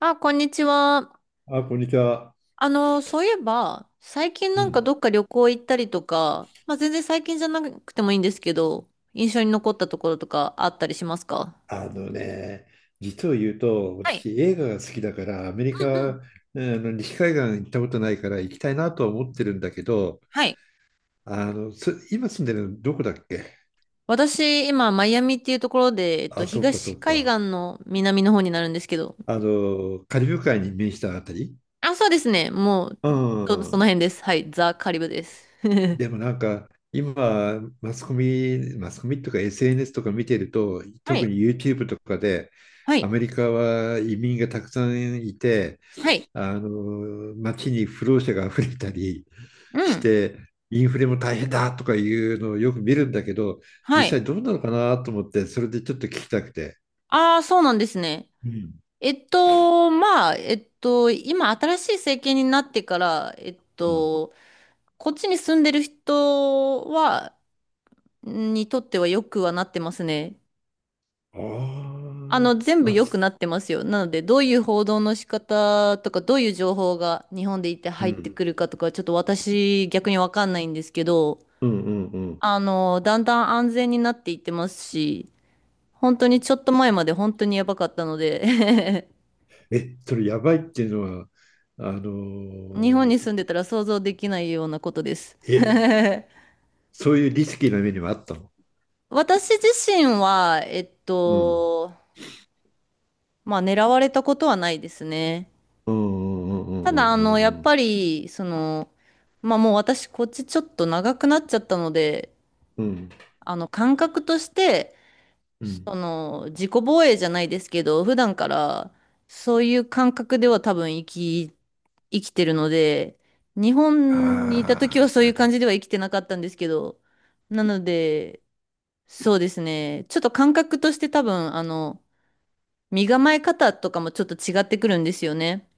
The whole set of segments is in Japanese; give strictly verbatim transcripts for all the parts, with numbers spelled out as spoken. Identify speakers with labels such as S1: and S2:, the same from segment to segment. S1: あ、こんにちは。
S2: あ、こんにちは。
S1: あの、そういえば、最近
S2: う
S1: なんか
S2: ん。
S1: どっか旅行行ったりとか、まあ、全然最近じゃなくてもいいんですけど、印象に残ったところとかあったりしますか？
S2: あのね、実を言うと、
S1: はい。
S2: 私映画が好きだから、アメリ
S1: うんう
S2: カ、
S1: ん。
S2: あの西海岸行ったことないから行きたいなとは思ってるんだけど、
S1: はい。
S2: あの、す今住んでるのどこだっけ？
S1: 私、今、マイアミっていうところで、えっと、
S2: あ、そうかそ
S1: 東
S2: う
S1: 海岸
S2: か。
S1: の南の方になるんですけど、
S2: あの、カリブ海に面したあたり。
S1: あ、そうですね。もう、
S2: うん
S1: ちょうど
S2: う
S1: そ
S2: ん。
S1: の辺です。はい。ザ・カリブです。
S2: でも なんか今マスコミ、マスコミとか エスエヌエス とか見てると、
S1: は
S2: 特
S1: い。
S2: に YouTube とかで
S1: は
S2: ア
S1: い。
S2: メリカは移民がたくさんいて、
S1: はい。
S2: あの街に不労者が溢れたり
S1: う
S2: し
S1: ん。
S2: て、インフレも大変だとかいうのをよく見るんだけど、実
S1: はい。
S2: 際どうなのかなと思って、それでちょっと聞きたくて。
S1: ああ、そうなんですね。
S2: うん。
S1: えっと、まあ、えっと、今新しい政権になってから、えっ
S2: うん。
S1: と、こっちに住んでる人は、にとっては良くはなってますね。あ
S2: あ
S1: の、全部
S2: あ、あ、
S1: 良く
S2: す
S1: なってますよ。なので、どういう報道の仕方とか、どういう情報が日本でいて
S2: う
S1: 入って
S2: ん、
S1: くるかとか、ちょっと私逆にわかんないんですけど、
S2: うんうんうん。
S1: あの、だんだん安全になっていってますし、本当にちょっと前まで本当にやばかったので。
S2: え、それやばいっていうのは、あの
S1: 日本に住んでたら想像できないようなことです。
S2: え、そういうリスキーな目にもあったの？
S1: 私自身は、えっ
S2: うん。
S1: と、まあ狙われたことはないですね。
S2: うんうんうん
S1: た
S2: う
S1: だ、あの、や
S2: ん
S1: っ
S2: うん
S1: ぱり、その、まあもう私こっちちょっと長くなっちゃったので、
S2: うんうん
S1: あの、感覚として、
S2: うん。
S1: その、自己防衛じゃないですけど、普段からそういう感覚では多分生き、生きてるので、日本にいた時は
S2: あ
S1: そ
S2: あ、
S1: うい
S2: な
S1: う感じ
S2: る。
S1: では生きてなかったんですけど、なので、そうですね。ちょっと感覚として多分、あの、身構え方とかもちょっと違ってくるんですよね。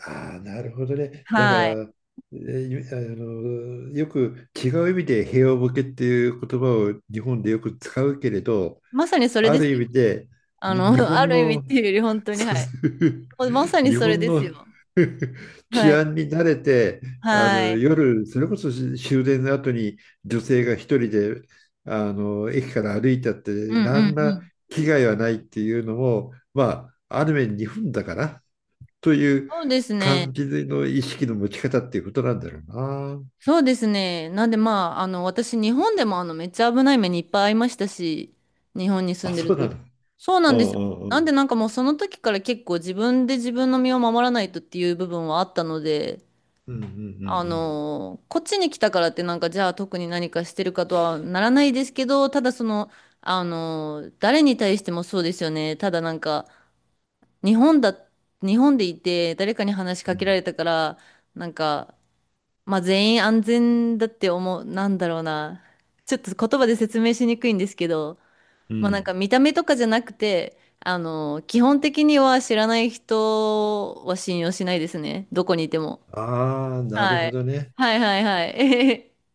S2: ああ、なるほどね。だか
S1: はい。
S2: ら、えーあの、よく違う意味で平和ボケっていう言葉を日本でよく使うけれど、
S1: まさにそれ
S2: あ
S1: で
S2: る
S1: す
S2: 意
S1: よ。
S2: 味で、
S1: あ
S2: に
S1: の、
S2: 日
S1: あ
S2: 本
S1: る意味っ
S2: の
S1: ていうより本当に、は
S2: そう
S1: い。まさ に
S2: 日
S1: それ
S2: 本
S1: です
S2: の
S1: よ。は
S2: 治
S1: い。
S2: 安に慣れて、あの
S1: はい。
S2: 夜、それこそ終電の後に女性が一人であの駅から歩いたっ
S1: うん
S2: て、
S1: うんう
S2: 何ら
S1: ん。
S2: 危害はないっていうのも、まあ、ある面日本だからという
S1: そうです
S2: 感
S1: ね。
S2: じの意識の持ち方っていうことなんだろうな。
S1: そうですね。なんでまあ、あの、私、日本でもあの、めっちゃ危ない目にいっぱい遭いましたし、日本に住
S2: あ、
S1: んでる
S2: そうな
S1: 時。
S2: の。
S1: そうな
S2: う
S1: んです
S2: ん
S1: よ。
S2: うんう
S1: なん
S2: ん。
S1: でなんかもうその時から結構自分で自分の身を守らないとっていう部分はあったので、
S2: うんう
S1: あ
S2: ん
S1: のーこっちに来たからってなんかじゃあ特に何かしてるかとはならないですけど、ただその、あのー誰に対してもそうですよね。ただなんか、日本だ、日本でいて誰かに話し
S2: うん
S1: か
S2: うん。う
S1: けら
S2: ん。
S1: れたから、なんか、まあ全員安全だって思う、なんだろうな。ちょっと言葉で説明しにくいんですけど、
S2: う
S1: まあなん
S2: ん。
S1: か見た目とかじゃなくて、あのー基本的には知らない人は信用しないですね。どこにいても。
S2: ああ、なる
S1: は
S2: ほ
S1: い。
S2: どね。
S1: はいはいはい。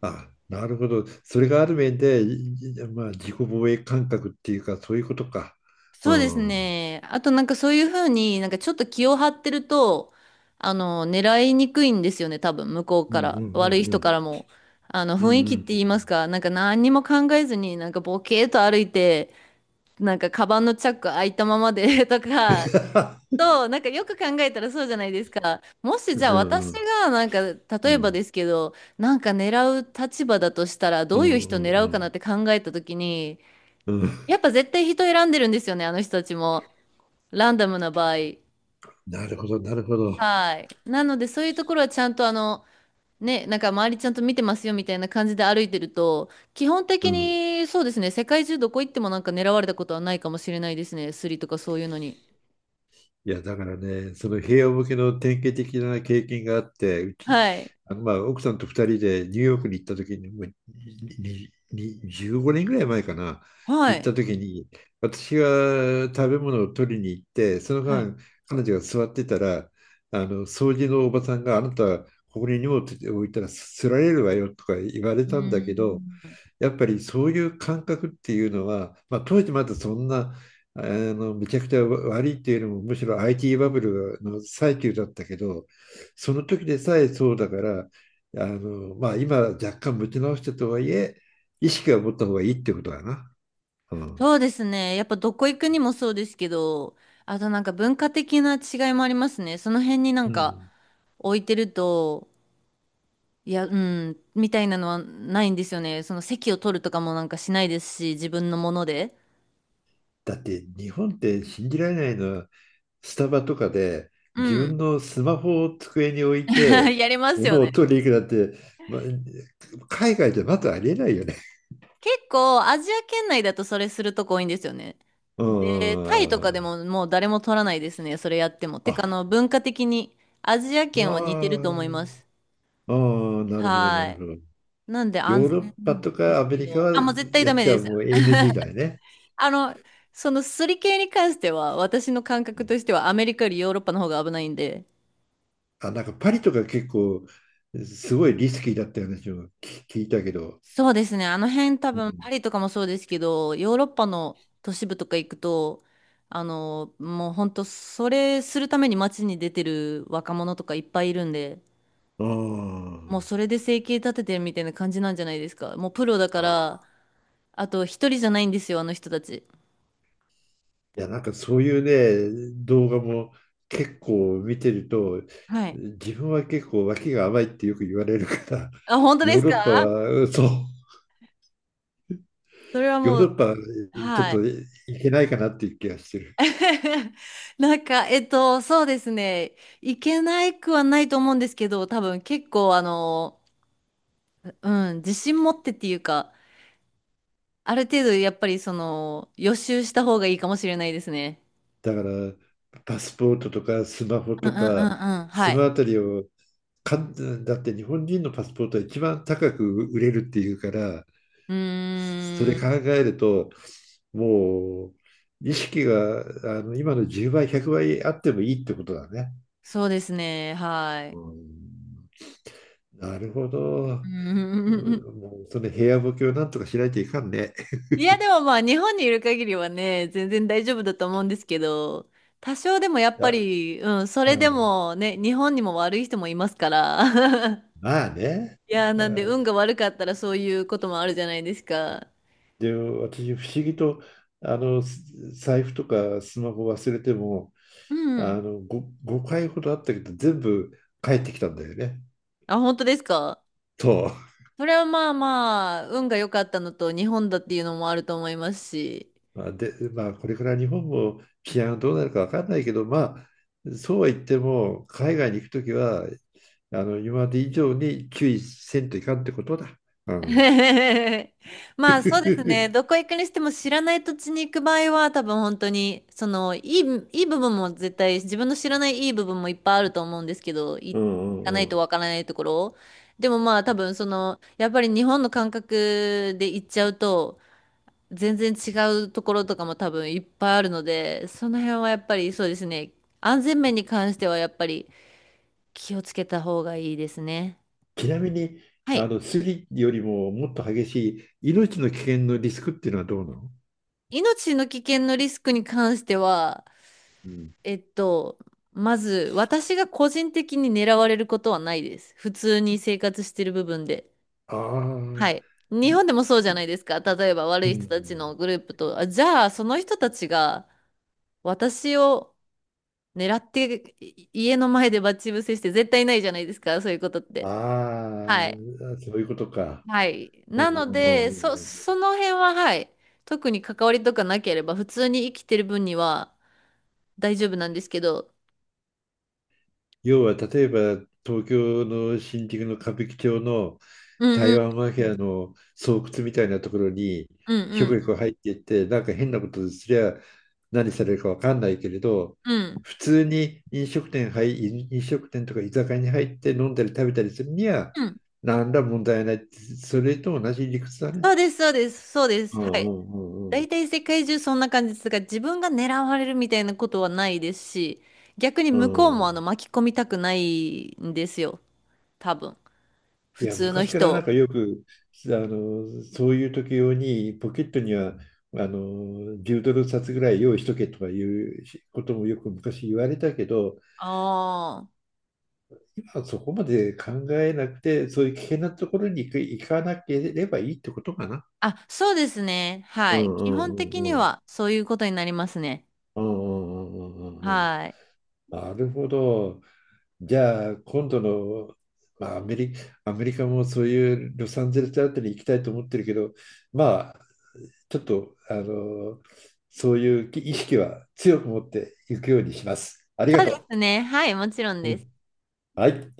S2: あ、なるほど。それがある面で、いいまあ、自己防衛感覚っていうか、そういうことか。う
S1: そうです
S2: ん。うん
S1: ね。あとなんかそういうふうになんかちょっと気を張ってると、あの、狙いにくいんですよね、多分向こう
S2: う
S1: か
S2: んう
S1: ら。悪い
S2: んう
S1: 人か
S2: ん。
S1: らも。あの、
S2: うんう
S1: 雰囲
S2: んう
S1: 気って
S2: ん。
S1: 言いますか、なんか何にも考えずになんかボケーと歩いて、なんかカバンのチャック開いたままで とか、と、なんかよく考えたらそうじゃないですか。もし
S2: う
S1: じゃ
S2: ん
S1: あ
S2: う
S1: 私
S2: ん
S1: がなんか、
S2: うん
S1: 例
S2: う
S1: えば
S2: ん。
S1: ですけど、なんか狙う立場だとしたら、
S2: う
S1: どういう
S2: んう
S1: 人
S2: ん
S1: 狙
S2: う
S1: うかなっ
S2: ん
S1: て考えた時に、
S2: うん。
S1: やっぱ絶対人選んでるんですよね、あの人たちも。ランダムな場合。
S2: なるほど、なるほど。
S1: はい。なので、そういうところはちゃんとあの、ね、なんか周りちゃんと見てますよみたいな感じで歩いてると、基本
S2: う
S1: 的
S2: ん。
S1: にそうですね、世界中どこ行ってもなんか狙われたことはないかもしれないですね、スリとかそういうのに。
S2: いや、だからね、その平和向けの典型的な経験があって、うち、
S1: はい。
S2: あのまあ奥さんと二人でニューヨークに行った時に、もうににじゅうごねんぐらい前かな、
S1: は
S2: 行った
S1: い。
S2: 時に、私が食べ物を取りに行って、その
S1: はい。
S2: 間、彼女が座ってたら、あの掃除のおばさんがあなた、ここに荷物置いたらすられるわよとか言われ
S1: うー
S2: たんだけど、
S1: ん。
S2: やっぱりそういう感覚っていうのは、まあ、当時まだそんなあのめちゃくちゃ悪いっていうよりもむしろ アイティー バブルの最中だったけど、その時でさえそうだから、あの、まあ、今若干持ち直したとはいえ意識は持った方がいいってことだな。うん。
S1: そうですね。やっぱどこ行くにもそうですけど、あとなんか文化的な違いもありますね。その辺になん
S2: う
S1: か
S2: ん、
S1: 置いてると、いや、うん、みたいなのはないんですよね。その席を取るとかもなんかしないですし、自分のもので。
S2: だって日本って信じられないのは、スタバとかで
S1: う
S2: 自
S1: ん。
S2: 分のスマホを机に置いて
S1: やりますよ
S2: 物を
S1: ね。
S2: 取りに行くなんて、まあ、海外じゃまずありえないよね。
S1: 結構、アジア圏内だとそれするとこ多いんですよね。
S2: うー
S1: で、タイとかで
S2: ん。
S1: ももう誰も取らないですね、それやっても。て
S2: あ、
S1: か、あの、文化的にアジア
S2: ま
S1: 圏は似てると
S2: あ、
S1: 思い
S2: あ
S1: ます。
S2: あなるほど、な
S1: は
S2: るほど。
S1: い。なんで安
S2: ヨーロッ
S1: 全
S2: パと
S1: で
S2: か
S1: す
S2: アメ
S1: け
S2: リカ
S1: ど、
S2: は
S1: あ、もう絶対
S2: や
S1: ダ
S2: っ
S1: メ
S2: て
S1: で
S2: は
S1: す。
S2: もう エヌジー だよね。
S1: あの、そのすり系に関しては、私の感
S2: う
S1: 覚
S2: ん。
S1: としてはアメリカよりヨーロッパの方が危ないんで、
S2: あ、なんかパリとか結構すごいリスキーだったような話を聞聞いたけど。
S1: そうですね。あの辺多
S2: う
S1: 分パ
S2: ん。
S1: リとかもそうですけど、ヨーロッパの都市部とか行くと、あの、もう本当それするために街に出てる若者とかいっぱいいるんで、
S2: あ
S1: もうそれで生計立ててるみたいな感じなんじゃないですか。もうプロだか
S2: あ、あ
S1: ら、
S2: あ、
S1: あと一人じゃないんですよ、あの人たち。
S2: いや、なんかそういうね、動画も結構見てると、
S1: はい。
S2: 自分は結構脇が甘いってよく言われるから、
S1: あ、本当で
S2: ヨー
S1: す
S2: ロ
S1: か？
S2: ッパ は、そう。
S1: それは
S2: ヨー
S1: も
S2: ロ
S1: う、
S2: ッパちょっ
S1: はい。
S2: と行けないかなっていう気がしてる。
S1: なんか、えっと、そうですね。いけないくはないと思うんですけど、多分結構あの、うん、自信持ってっていうか、ある程度やっぱりその、予習した方がいいかもしれないですね。
S2: だからパスポートとかスマホ
S1: うんう
S2: と
S1: んう
S2: か
S1: んうん。は
S2: その
S1: い。
S2: あたりをかんだって日本人のパスポートは一番高く売れるっていうから、
S1: う
S2: そ
S1: ー
S2: れ
S1: ん、
S2: 考えると、もう意識があの今のじゅうばいひゃくばいあってもいいってことだね。
S1: そうですね。は
S2: う
S1: い。
S2: ん。なるほど。う
S1: うー
S2: ん。
S1: ん。
S2: もうその部屋ボケをなんとかしないといかんね。
S1: いや、でもまあ、日本にいる限りはね、全然大丈夫だと思うんですけど、多少でもやっぱ
S2: あ、
S1: り、うん、そ
S2: う
S1: れで
S2: ん、
S1: もね、日本にも悪い人もいますから。
S2: まあね。
S1: いや、なんで運
S2: あ、
S1: が悪かったらそういうこともあるじゃないですか。
S2: で、私、不思議と、あの、す財布とかスマホ忘れても、
S1: う
S2: あ
S1: ん。
S2: の、ご、ごかいほどあったけど、全部帰ってきたんだよね。
S1: あ、本当ですか？
S2: と、
S1: それはまあまあ、運が良かったのと、日本だっていうのもあると思いますし。
S2: まあ、で、まあ、これから日本も治安どうなるか分かんないけど、まあ、そうは言っても、海外に行くときは、あの、今まで以上に注意せんといかんってことだ。うん。
S1: まあそうですね。どこ 行くにしても知らない土地に行く場合は、多分本当に、その、いい、いい部分も絶対、自分の知らないいい部分もいっぱいあると思うんですけど、い
S2: う
S1: 行
S2: んう
S1: かな
S2: んう
S1: いと
S2: ん。
S1: わからないところ。でもまあ多分その、やっぱり日本の感覚で行っちゃうと、全然違うところとかも多分いっぱいあるので、その辺はやっぱりそうですね。安全面に関してはやっぱり、気をつけた方がいいですね。
S2: ちなみに、
S1: は
S2: あ
S1: い。
S2: の、スリよりももっと激しい命の危険のリスクっていうのはどうなの？
S1: 命の危険のリスクに関しては、
S2: うん、
S1: えっと、まず私が個人的に狙われることはないです。普通に生活してる部分で。
S2: あ
S1: は
S2: あ、
S1: い。日本でもそうじ
S2: い
S1: ゃな
S2: い
S1: いですか。例えば悪
S2: う
S1: い人
S2: ん。
S1: たちのグループと、あ、じゃあその人たちが私を狙ってい家の前で待ち伏せして絶対ないじゃないですか。そういうことっ
S2: あ
S1: て。はい。
S2: あ、そういうことか。
S1: はい。
S2: うん
S1: なの
S2: うんうんう
S1: で、
S2: ん
S1: そ、
S2: うん。
S1: その辺は、はい。特に関わりとかなければ、普通に生きてる分には大丈夫なんですけど。
S2: 要は、例えば、東京の新宿の歌舞伎町の
S1: うん
S2: 台
S1: うん。
S2: 湾マフィアの巣窟みたいなところに、
S1: うん
S2: ひょ
S1: う
S2: こひょ
S1: ん。
S2: こ入っていって、なんか変なことすりゃ何されるかわかんないけれど、
S1: うん
S2: 普通に飲食店入、飲食店とか居酒屋に入って飲んだり食べたりするには、
S1: うん。
S2: 何ら問題ないって。それと同じ理屈だね。
S1: そうです、そうです、そうで
S2: う
S1: す。は
S2: んう
S1: い。
S2: んうんうん。
S1: 大体世界中そんな感じですが、自分が狙われるみたいなことはないですし、逆に
S2: う
S1: 向こうもあ
S2: ん。
S1: の巻き込みたくないんですよ。多分。
S2: い
S1: 普
S2: や、
S1: 通の
S2: 昔から
S1: 人
S2: な
S1: を。
S2: んかよく、あの、そういう時用に、ポケットには、あの、じゅうドル札ぐらい用意しとけとかいうこともよく昔言われたけど、
S1: ああ。
S2: 今はそこまで考えなくて、そういう危険なところに行く行かなければいいってことかな。
S1: あ、そうですね。
S2: う
S1: はい。
S2: ん。う
S1: 基本的に
S2: んうん
S1: はそういうことになりますね。
S2: うんうんうんうんうんうん。
S1: はい。
S2: なるほど。じゃあ、今度の、まあ、アメリ、アメリカもそういうロサンゼルスあたりに行きたいと思ってるけど、まあ、ちょっと、あの、そういう意識は強く持っていくようにします。あり
S1: そ
S2: が
S1: うで
S2: と
S1: すね。はい、もちろん
S2: う。う
S1: です。
S2: ん、はい。